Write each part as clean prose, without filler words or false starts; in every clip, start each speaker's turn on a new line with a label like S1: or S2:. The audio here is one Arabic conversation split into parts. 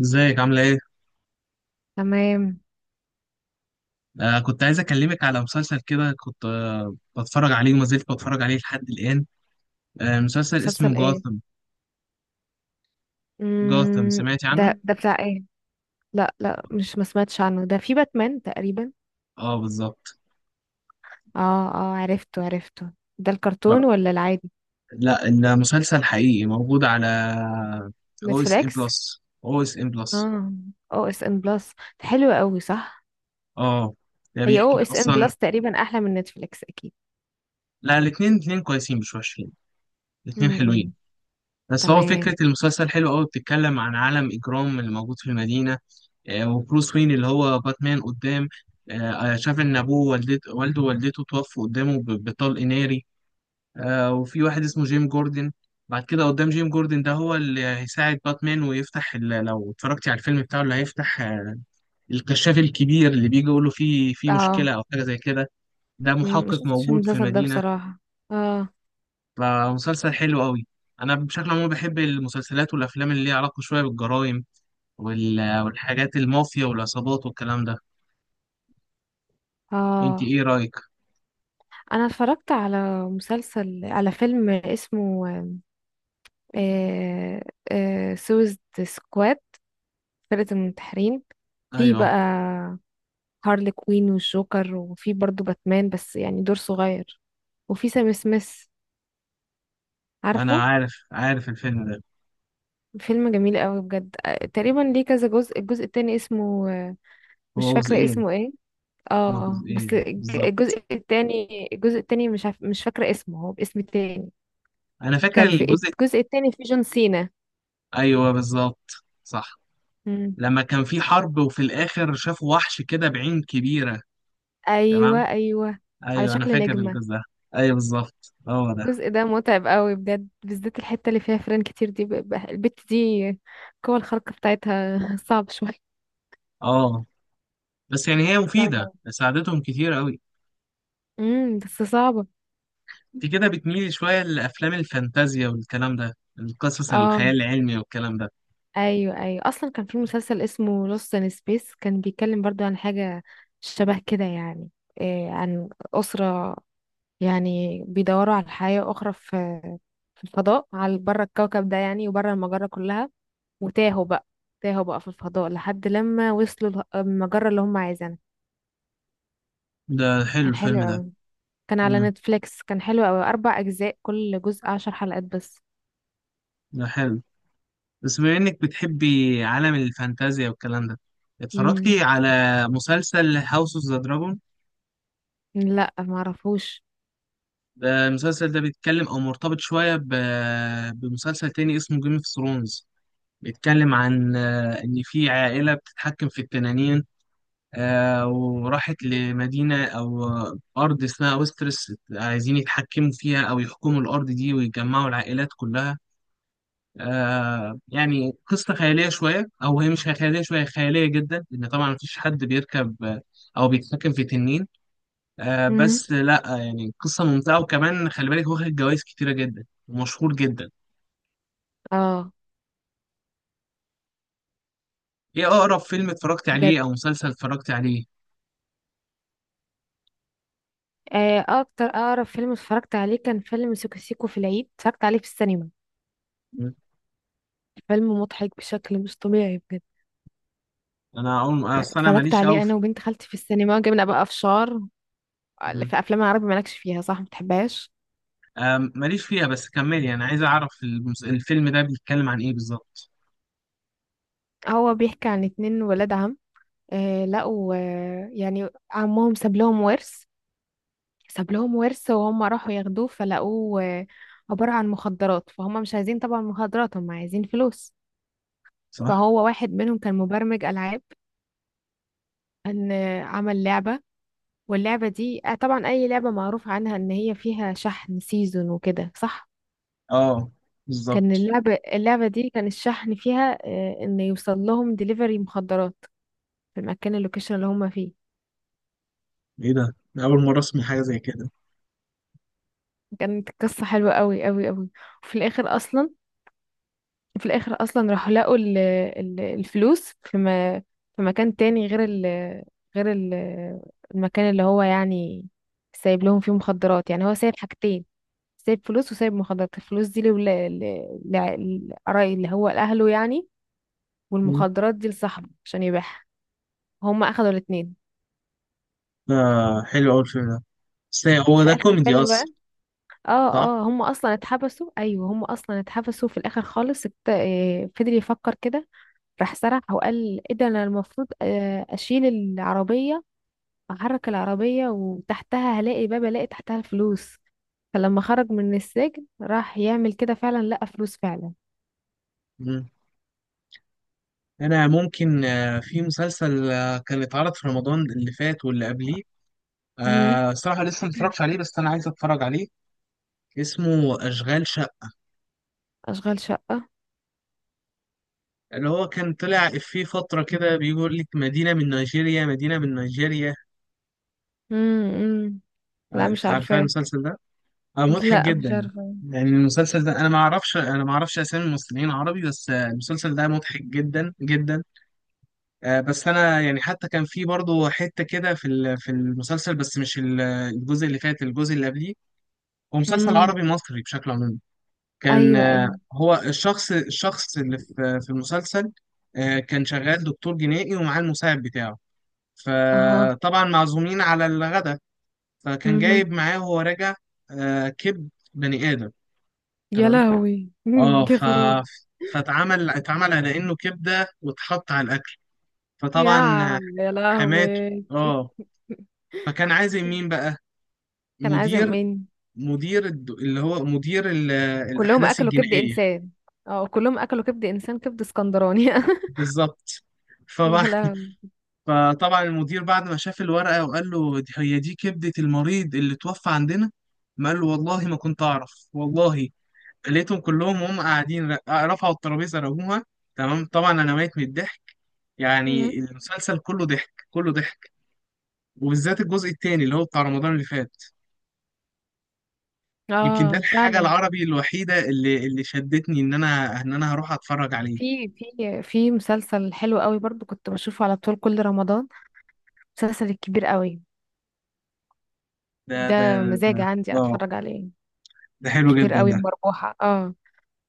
S1: ازيك عاملة ايه؟
S2: تمام.
S1: كنت عايز اكلمك على مسلسل كده كنت بتفرج عليه وما زلت بتفرج عليه لحد الآن. مسلسل اسمه
S2: مسلسل ايه؟
S1: جاثم. جاثم سمعتي عنه؟
S2: ده بتاع ايه؟ لا لا، مش ما سمعتش عنه، ده في باتمان تقريبا.
S1: اه بالظبط.
S2: اه اه، عرفته عرفته. ده
S1: آه
S2: الكرتون ولا العادي؟
S1: لا المسلسل حقيقي موجود على او اس ام
S2: نتفليكس.
S1: بلس او اس ام بلس.
S2: اه. او اس ان بلس. حلو قوي، صح؟
S1: اه ده
S2: هي او
S1: بيحكيك
S2: اس ان
S1: اصلا.
S2: بلس تقريبا احلى من نتفليكس، اكيد.
S1: لا الاتنين كويسين مش وحشين. الاتنين حلوين.
S2: امم.
S1: بس هو
S2: تمام.
S1: فكرة المسلسل حلو قوي بتتكلم عن عالم إجرام اللي موجود في المدينة. وبروس وين اللي هو باتمان قدام. شاف ان ابوه والدته والده ووالدته توفوا قدامه بطلق ناري. وفي واحد اسمه جيم جوردن. بعد كده قدام جيم جوردن ده هو اللي هيساعد باتمان ويفتح لو اتفرجتي على الفيلم بتاعه اللي هيفتح الكشاف الكبير اللي بيجي يقول له في
S2: اه.
S1: مشكلة او حاجة زي كده. ده
S2: ما
S1: محقق
S2: شفتش
S1: موجود في
S2: المسلسل ده
S1: المدينة.
S2: بصراحة. اه
S1: فمسلسل حلو قوي. انا بشكل عام بحب المسلسلات والافلام اللي ليها علاقة شوية بالجرائم والحاجات المافيا والعصابات والكلام ده. انت
S2: اه.
S1: ايه رأيك؟
S2: انا اتفرجت على مسلسل، على فيلم اسمه آه سويس سكواد، فرقة المنتحرين. في
S1: ايوه،
S2: بقى هارلي كوين والجوكر، وفي برضو باتمان بس يعني دور صغير، وفي سام سميث،
S1: انا
S2: عارفه؟
S1: عارف عارف الفيلم ده.
S2: فيلم جميل قوي بجد، تقريبا ليه كذا جزء. الجزء التاني اسمه، مش
S1: هو
S2: فاكرة
S1: جزئين.
S2: اسمه ايه. اه.
S1: هما
S2: بس
S1: جزئين بالظبط.
S2: الجزء التاني مش عارف، مش فاكرة اسمه، هو باسم تاني.
S1: انا فاكر
S2: كان في،
S1: الجزء.
S2: الجزء التاني في جون سينا.
S1: ايوه بالظبط. صح.
S2: مم.
S1: لما كان في حرب وفي الاخر شافوا وحش كده بعين كبيره. تمام.
S2: ايوه ايوه، على
S1: ايوه انا
S2: شكل
S1: فاكر
S2: نجمة.
S1: الجزء ده. ايوه بالظبط هو ده.
S2: الجزء ده متعب قوي بجد، بالذات الحتة اللي فيها فيران كتير دي، البت دي، القوة الخارقة بتاعتها صعب شوية.
S1: اه، بس يعني هي
S2: صعبة
S1: مفيده
S2: أوي.
S1: ساعدتهم كتير قوي.
S2: امم، بس صعبة.
S1: انت كده بتميلي شويه لافلام الفانتازيا والكلام ده. القصص
S2: اه.
S1: الخيال العلمي والكلام ده.
S2: ايوه ايوه، اصلا كان في مسلسل اسمه لوست ان سبيس، كان بيتكلم برضو عن حاجة شبه كده يعني. إيه، عن أسرة يعني بيدوروا على حياة أخرى في، في الفضاء على بره الكوكب ده يعني وبره المجرة كلها، وتاهوا بقى، تاهوا بقى في الفضاء لحد لما وصلوا المجرة اللي هم عايزينها.
S1: ده حلو
S2: كان
S1: الفيلم ده.
S2: حلو، كان على
S1: امم،
S2: نتفليكس، كان حلو قوي، 4 اجزاء، كل جزء 10 حلقات بس.
S1: ده حلو. بس بما انك بتحبي عالم الفانتازيا والكلام ده، اتفرجتي
S2: امم.
S1: على مسلسل هاوس اوف ذا دراجون؟
S2: لا ما اعرفوش.
S1: ده المسلسل ده بيتكلم او مرتبط شويه بمسلسل تاني اسمه جيم اوف ثرونز. بيتكلم عن ان في عائله بتتحكم في التنانين. وراحت لمدينه او ارض اسمها ويسترس عايزين يتحكموا فيها او يحكموا الارض دي ويجمعوا العائلات كلها. آه يعني قصة خيالية شوية أو هي مش خيالية شوية خيالية جدا لأن طبعا مفيش حد بيركب أو بيتحكم في تنين. آه
S2: امم.
S1: بس لأ يعني قصة ممتعة وكمان خلي بالك واخد جوايز كتيرة جدا ومشهور جدا.
S2: اه.
S1: إيه أقرب فيلم اتفرجت
S2: بجد،
S1: عليه أو مسلسل اتفرجت عليه؟
S2: اكتر، اقرب فيلم اتفرجت عليه كان فيلم سيكو سيكو، في العيد اتفرجت عليه في السينما.
S1: مم.
S2: فيلم مضحك بشكل مش طبيعي بجد.
S1: أنا أقول أصل أنا
S2: اتفرجت
S1: ماليش أوي
S2: عليه
S1: في.
S2: انا وبنت خالتي في السينما، جبنا بقى فشار.
S1: مم.
S2: في افلام العربي مالكش فيها، صح ما بتحبهاش.
S1: آه ماليش فيها، بس كملي أنا عايز أعرف الفيلم ده بيتكلم عن إيه بالظبط.
S2: هو بيحكي عن اتنين ولاد عم، لقوا، يعني عمهم ساب لهم ورث، ساب لهم ورث، وهم راحوا ياخدوه فلقوه، عبارة عن مخدرات، فهم مش عايزين طبعا مخدرات، هم عايزين فلوس.
S1: صح؟
S2: فهو واحد منهم كان مبرمج ألعاب، ان، عمل لعبة، واللعبة دي، طبعا أي لعبة معروف عنها إن هي فيها شحن سيزون وكده، صح؟
S1: آه
S2: كان
S1: بالظبط.
S2: اللعبة، اللعبة دي كان الشحن فيها، إن يوصل لهم دليفري مخدرات في المكان، اللوكيشن اللي هم فيه.
S1: إيه ده؟ أنا أول مرة أسمع حاجة زي كده.
S2: كانت قصة حلوة قوي قوي قوي. وفي الآخر أصلا، في الاخر اصلا راحوا لقوا الفلوس في، ما في مكان تاني غير ال المكان اللي هو يعني سايب لهم فيه مخدرات. يعني هو سايب حاجتين، سايب فلوس وسايب مخدرات. الفلوس دي لقراي اللي هو لأهله يعني، والمخدرات دي لصاحبه عشان يبيعها. هم اخدوا الاتنين.
S1: آه حلو أوي الفيلم ده. بس هو
S2: في
S1: ده
S2: اخر
S1: كوميدي
S2: الفيلم بقى،
S1: أصلا؟
S2: اه
S1: صح؟
S2: اه، هم اصلا اتحبسوا. ايوه، هم اصلا اتحبسوا في الاخر خالص. فضل يفكر كده، راح سرح وقال ايه ده، انا المفروض، اشيل العربية، احرك العربية وتحتها هلاقي باب، الاقي تحتها الفلوس. فلما خرج من السجن راح يعمل كده فعلا، لقى فلوس فعلا.
S1: مم. أنا ممكن في مسلسل كان اتعرض في رمضان اللي فات واللي قبليه.
S2: امم.
S1: آه صراحة لسه متفرجش عليه بس أنا عايز أتفرج عليه. اسمه أشغال شقة.
S2: اشغال شقة.
S1: اللي هو كان طلع في فترة كده بيقول لك مدينة من نيجيريا مدينة من نيجيريا.
S2: امم. لا
S1: آه
S2: مش
S1: عارفة
S2: عارفاه.
S1: المسلسل ده؟ آه مضحك
S2: لا مش
S1: جدا.
S2: عارفاه.
S1: يعني المسلسل ده أنا ما أعرفش أسامي ممثلين عربي، بس آه المسلسل ده مضحك جدا جدا. بس انا يعني حتى كان في برضه حته كده في المسلسل، بس مش الجزء اللي فات الجزء اللي قبليه. هو مسلسل
S2: امم.
S1: عربي مصري بشكل عام. كان
S2: ايوه ايوه.
S1: هو الشخص اللي في المسلسل كان شغال دكتور جنائي ومعاه المساعد بتاعه.
S2: اها.
S1: فطبعا معزومين على الغداء. فكان
S2: امم.
S1: جايب معاه وهو راجع كبد بني ادم.
S2: يا
S1: تمام.
S2: لهوي مم.
S1: اه
S2: يا خراب.
S1: فاتعمل على انه كبده واتحط على الاكل.
S2: يا
S1: فطبعا
S2: يا
S1: حماته.
S2: لهوي.
S1: اه. فكان عازم مين بقى؟
S2: كان عازم
S1: مدير.
S2: مين؟
S1: اللي هو مدير
S2: كلهم
S1: الأحداث
S2: اكلوا كبد
S1: الجنائية.
S2: انسان؟ اه كلهم اكلوا كبد انسان، كبد اسكندراني
S1: بالظبط. فبعد
S2: يا لهوي.
S1: فطبعا المدير بعد ما شاف الورقة وقال له هي دي كبدة المريض اللي توفى عندنا. ما قال له والله ما كنت أعرف والله. لقيتهم كلهم وهم قاعدين، رفعوا الترابيزة رموها. تمام طبعا أنا ميت من الضحك.
S2: مم.
S1: يعني المسلسل كله ضحك كله ضحك. وبالذات الجزء التاني اللي هو بتاع رمضان اللي فات. يمكن ده
S2: اه
S1: الحاجة
S2: فعلا.
S1: العربي الوحيدة اللي شدتني إن أنا هروح أتفرج عليه.
S2: في مسلسل حلو قوي برضو كنت بشوفه على طول كل رمضان، مسلسل الكبير قوي.
S1: ده ده
S2: ده.
S1: ده
S2: مزاج عندي
S1: آه
S2: اتفرج عليه.
S1: ده حلو
S2: كبير
S1: جدا
S2: قوي
S1: ده.
S2: ومربوحة، اه.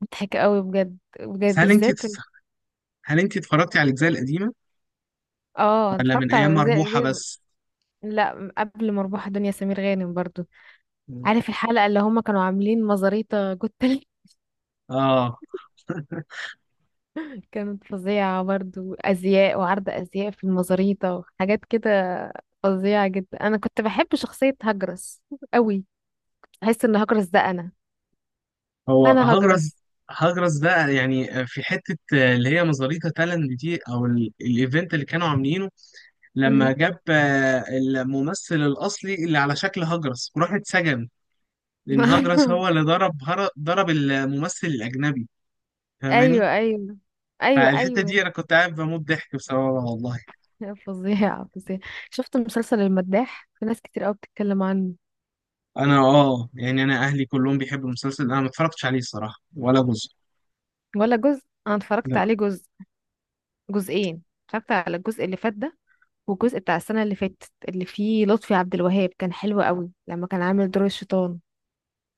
S2: مضحك قوي بجد بجد،
S1: بس هل أنت
S2: بالذات
S1: هل أنت اتفرجتي على الأجزاء القديمة
S2: اه. أنا
S1: ولا من
S2: اتفرجت
S1: أيام
S2: على الاجزاء
S1: مربوحة
S2: دي.
S1: بس؟
S2: لا قبل مربوحة، دنيا سمير غانم برضو. عارف الحلقة اللي هما كانوا عاملين مزاريطة جوت
S1: آه
S2: كانت فظيعة برضو، أزياء وعرض أزياء في المزاريطة وحاجات كده. فظيعة جدا. أنا كنت بحب شخصية هجرس قوي. أحس إن هجرس ده أنا.
S1: هو
S2: أنا
S1: هجرس.
S2: هجرس.
S1: هجرس ده يعني في حتة اللي هي مزاريطة تالنت دي أو الإيفنت اللي كانوا عاملينه. لما
S2: مهم.
S1: جاب الممثل الأصلي اللي على شكل هجرس وراح اتسجن، لأن هجرس هو اللي ضرب ضرب الممثل الأجنبي. فاهماني؟
S2: أيوة أيوة. أيوة
S1: فالحتة دي
S2: أيوة.
S1: انا كنت قاعد بموت ضحك بسببها والله.
S2: فظيعة فظيعة. شفت مسلسل المداح؟ في ناس كتير قوي بتتكلم عنه.
S1: انا اه يعني انا اهلي كلهم بيحبوا المسلسل، انا ما اتفرجتش عليه الصراحة ولا جزء.
S2: ولا جزء. أنا اتفرجت
S1: لا
S2: عليه جزء، جزئين. اتفرجت على الجزء اللي فات ده، والجزء بتاع السنة اللي فاتت اللي فيه لطفي عبد الوهاب، كان حلو قوي لما كان عامل دور الشيطان.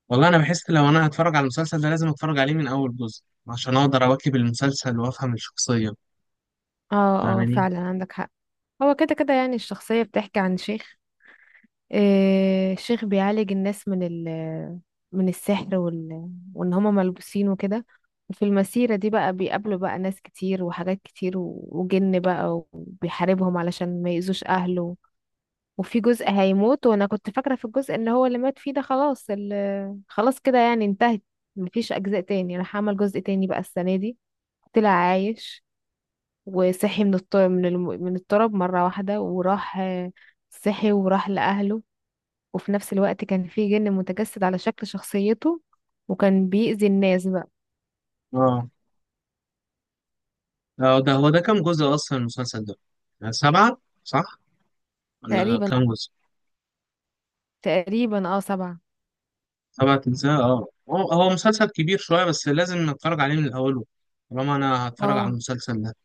S1: والله انا بحس لو انا هتفرج على المسلسل ده لازم اتفرج عليه من اول جزء عشان اقدر اواكب المسلسل وافهم الشخصية.
S2: اه اه،
S1: فاهماني؟
S2: فعلا عندك حق. هو كده كده، يعني الشخصية بتحكي عن شيخ، شيخ بيعالج الناس من من السحر، وان هما ملبوسين وكده. وفي المسيرة دي بقى بيقابلوا بقى ناس كتير وحاجات كتير، وجن بقى، وبيحاربهم علشان ما يأذوش أهله. وفي جزء هيموت، وانا كنت فاكرة في الجزء ان هو اللي مات فيه ده خلاص، خلاص كده يعني انتهت، مفيش أجزاء تاني. راح عمل جزء تاني بقى السنة دي، طلع عايش، وصحي من من الطرب مرة واحدة، وراح، صحي وراح لأهله، وفي نفس الوقت كان في جن متجسد على شكل شخصيته، وكان بيأذي الناس بقى.
S1: اه. ده هو ده كام جزء اصلا المسلسل ده؟ سبعة. صح. ولا
S2: تقريبا
S1: كام جزء.
S2: تقريبا اه، 7.
S1: سبعة اجزاء. اه هو مسلسل كبير شوية، بس لازم اتفرج عليه من الاول طالما انا هتفرج على
S2: اه
S1: المسلسل ده.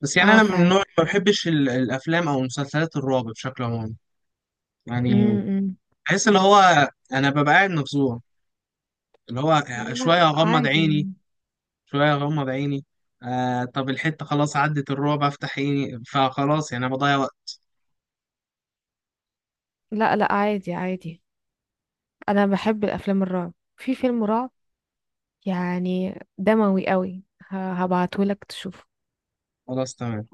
S1: بس يعني
S2: اه
S1: انا من
S2: فعلا.
S1: النوع اللي ما بحبش الافلام او مسلسلات الرعب بشكل عام. يعني
S2: امم.
S1: بحس اللي هو انا ببقى قاعد مفزوع، اللي هو
S2: لا
S1: شويه اغمض
S2: عادي
S1: عيني
S2: يعني.
S1: شويه اغمض عيني. آه طب الحته خلاص عدت الرعب افتح عيني فخلاص يعني انا بضيع وقت.
S2: لا لا، عادي عادي. انا بحب الافلام الرعب، في فيلم رعب يعني دموي قوي هبعته لك تشوفه.
S1: خلاص تمام.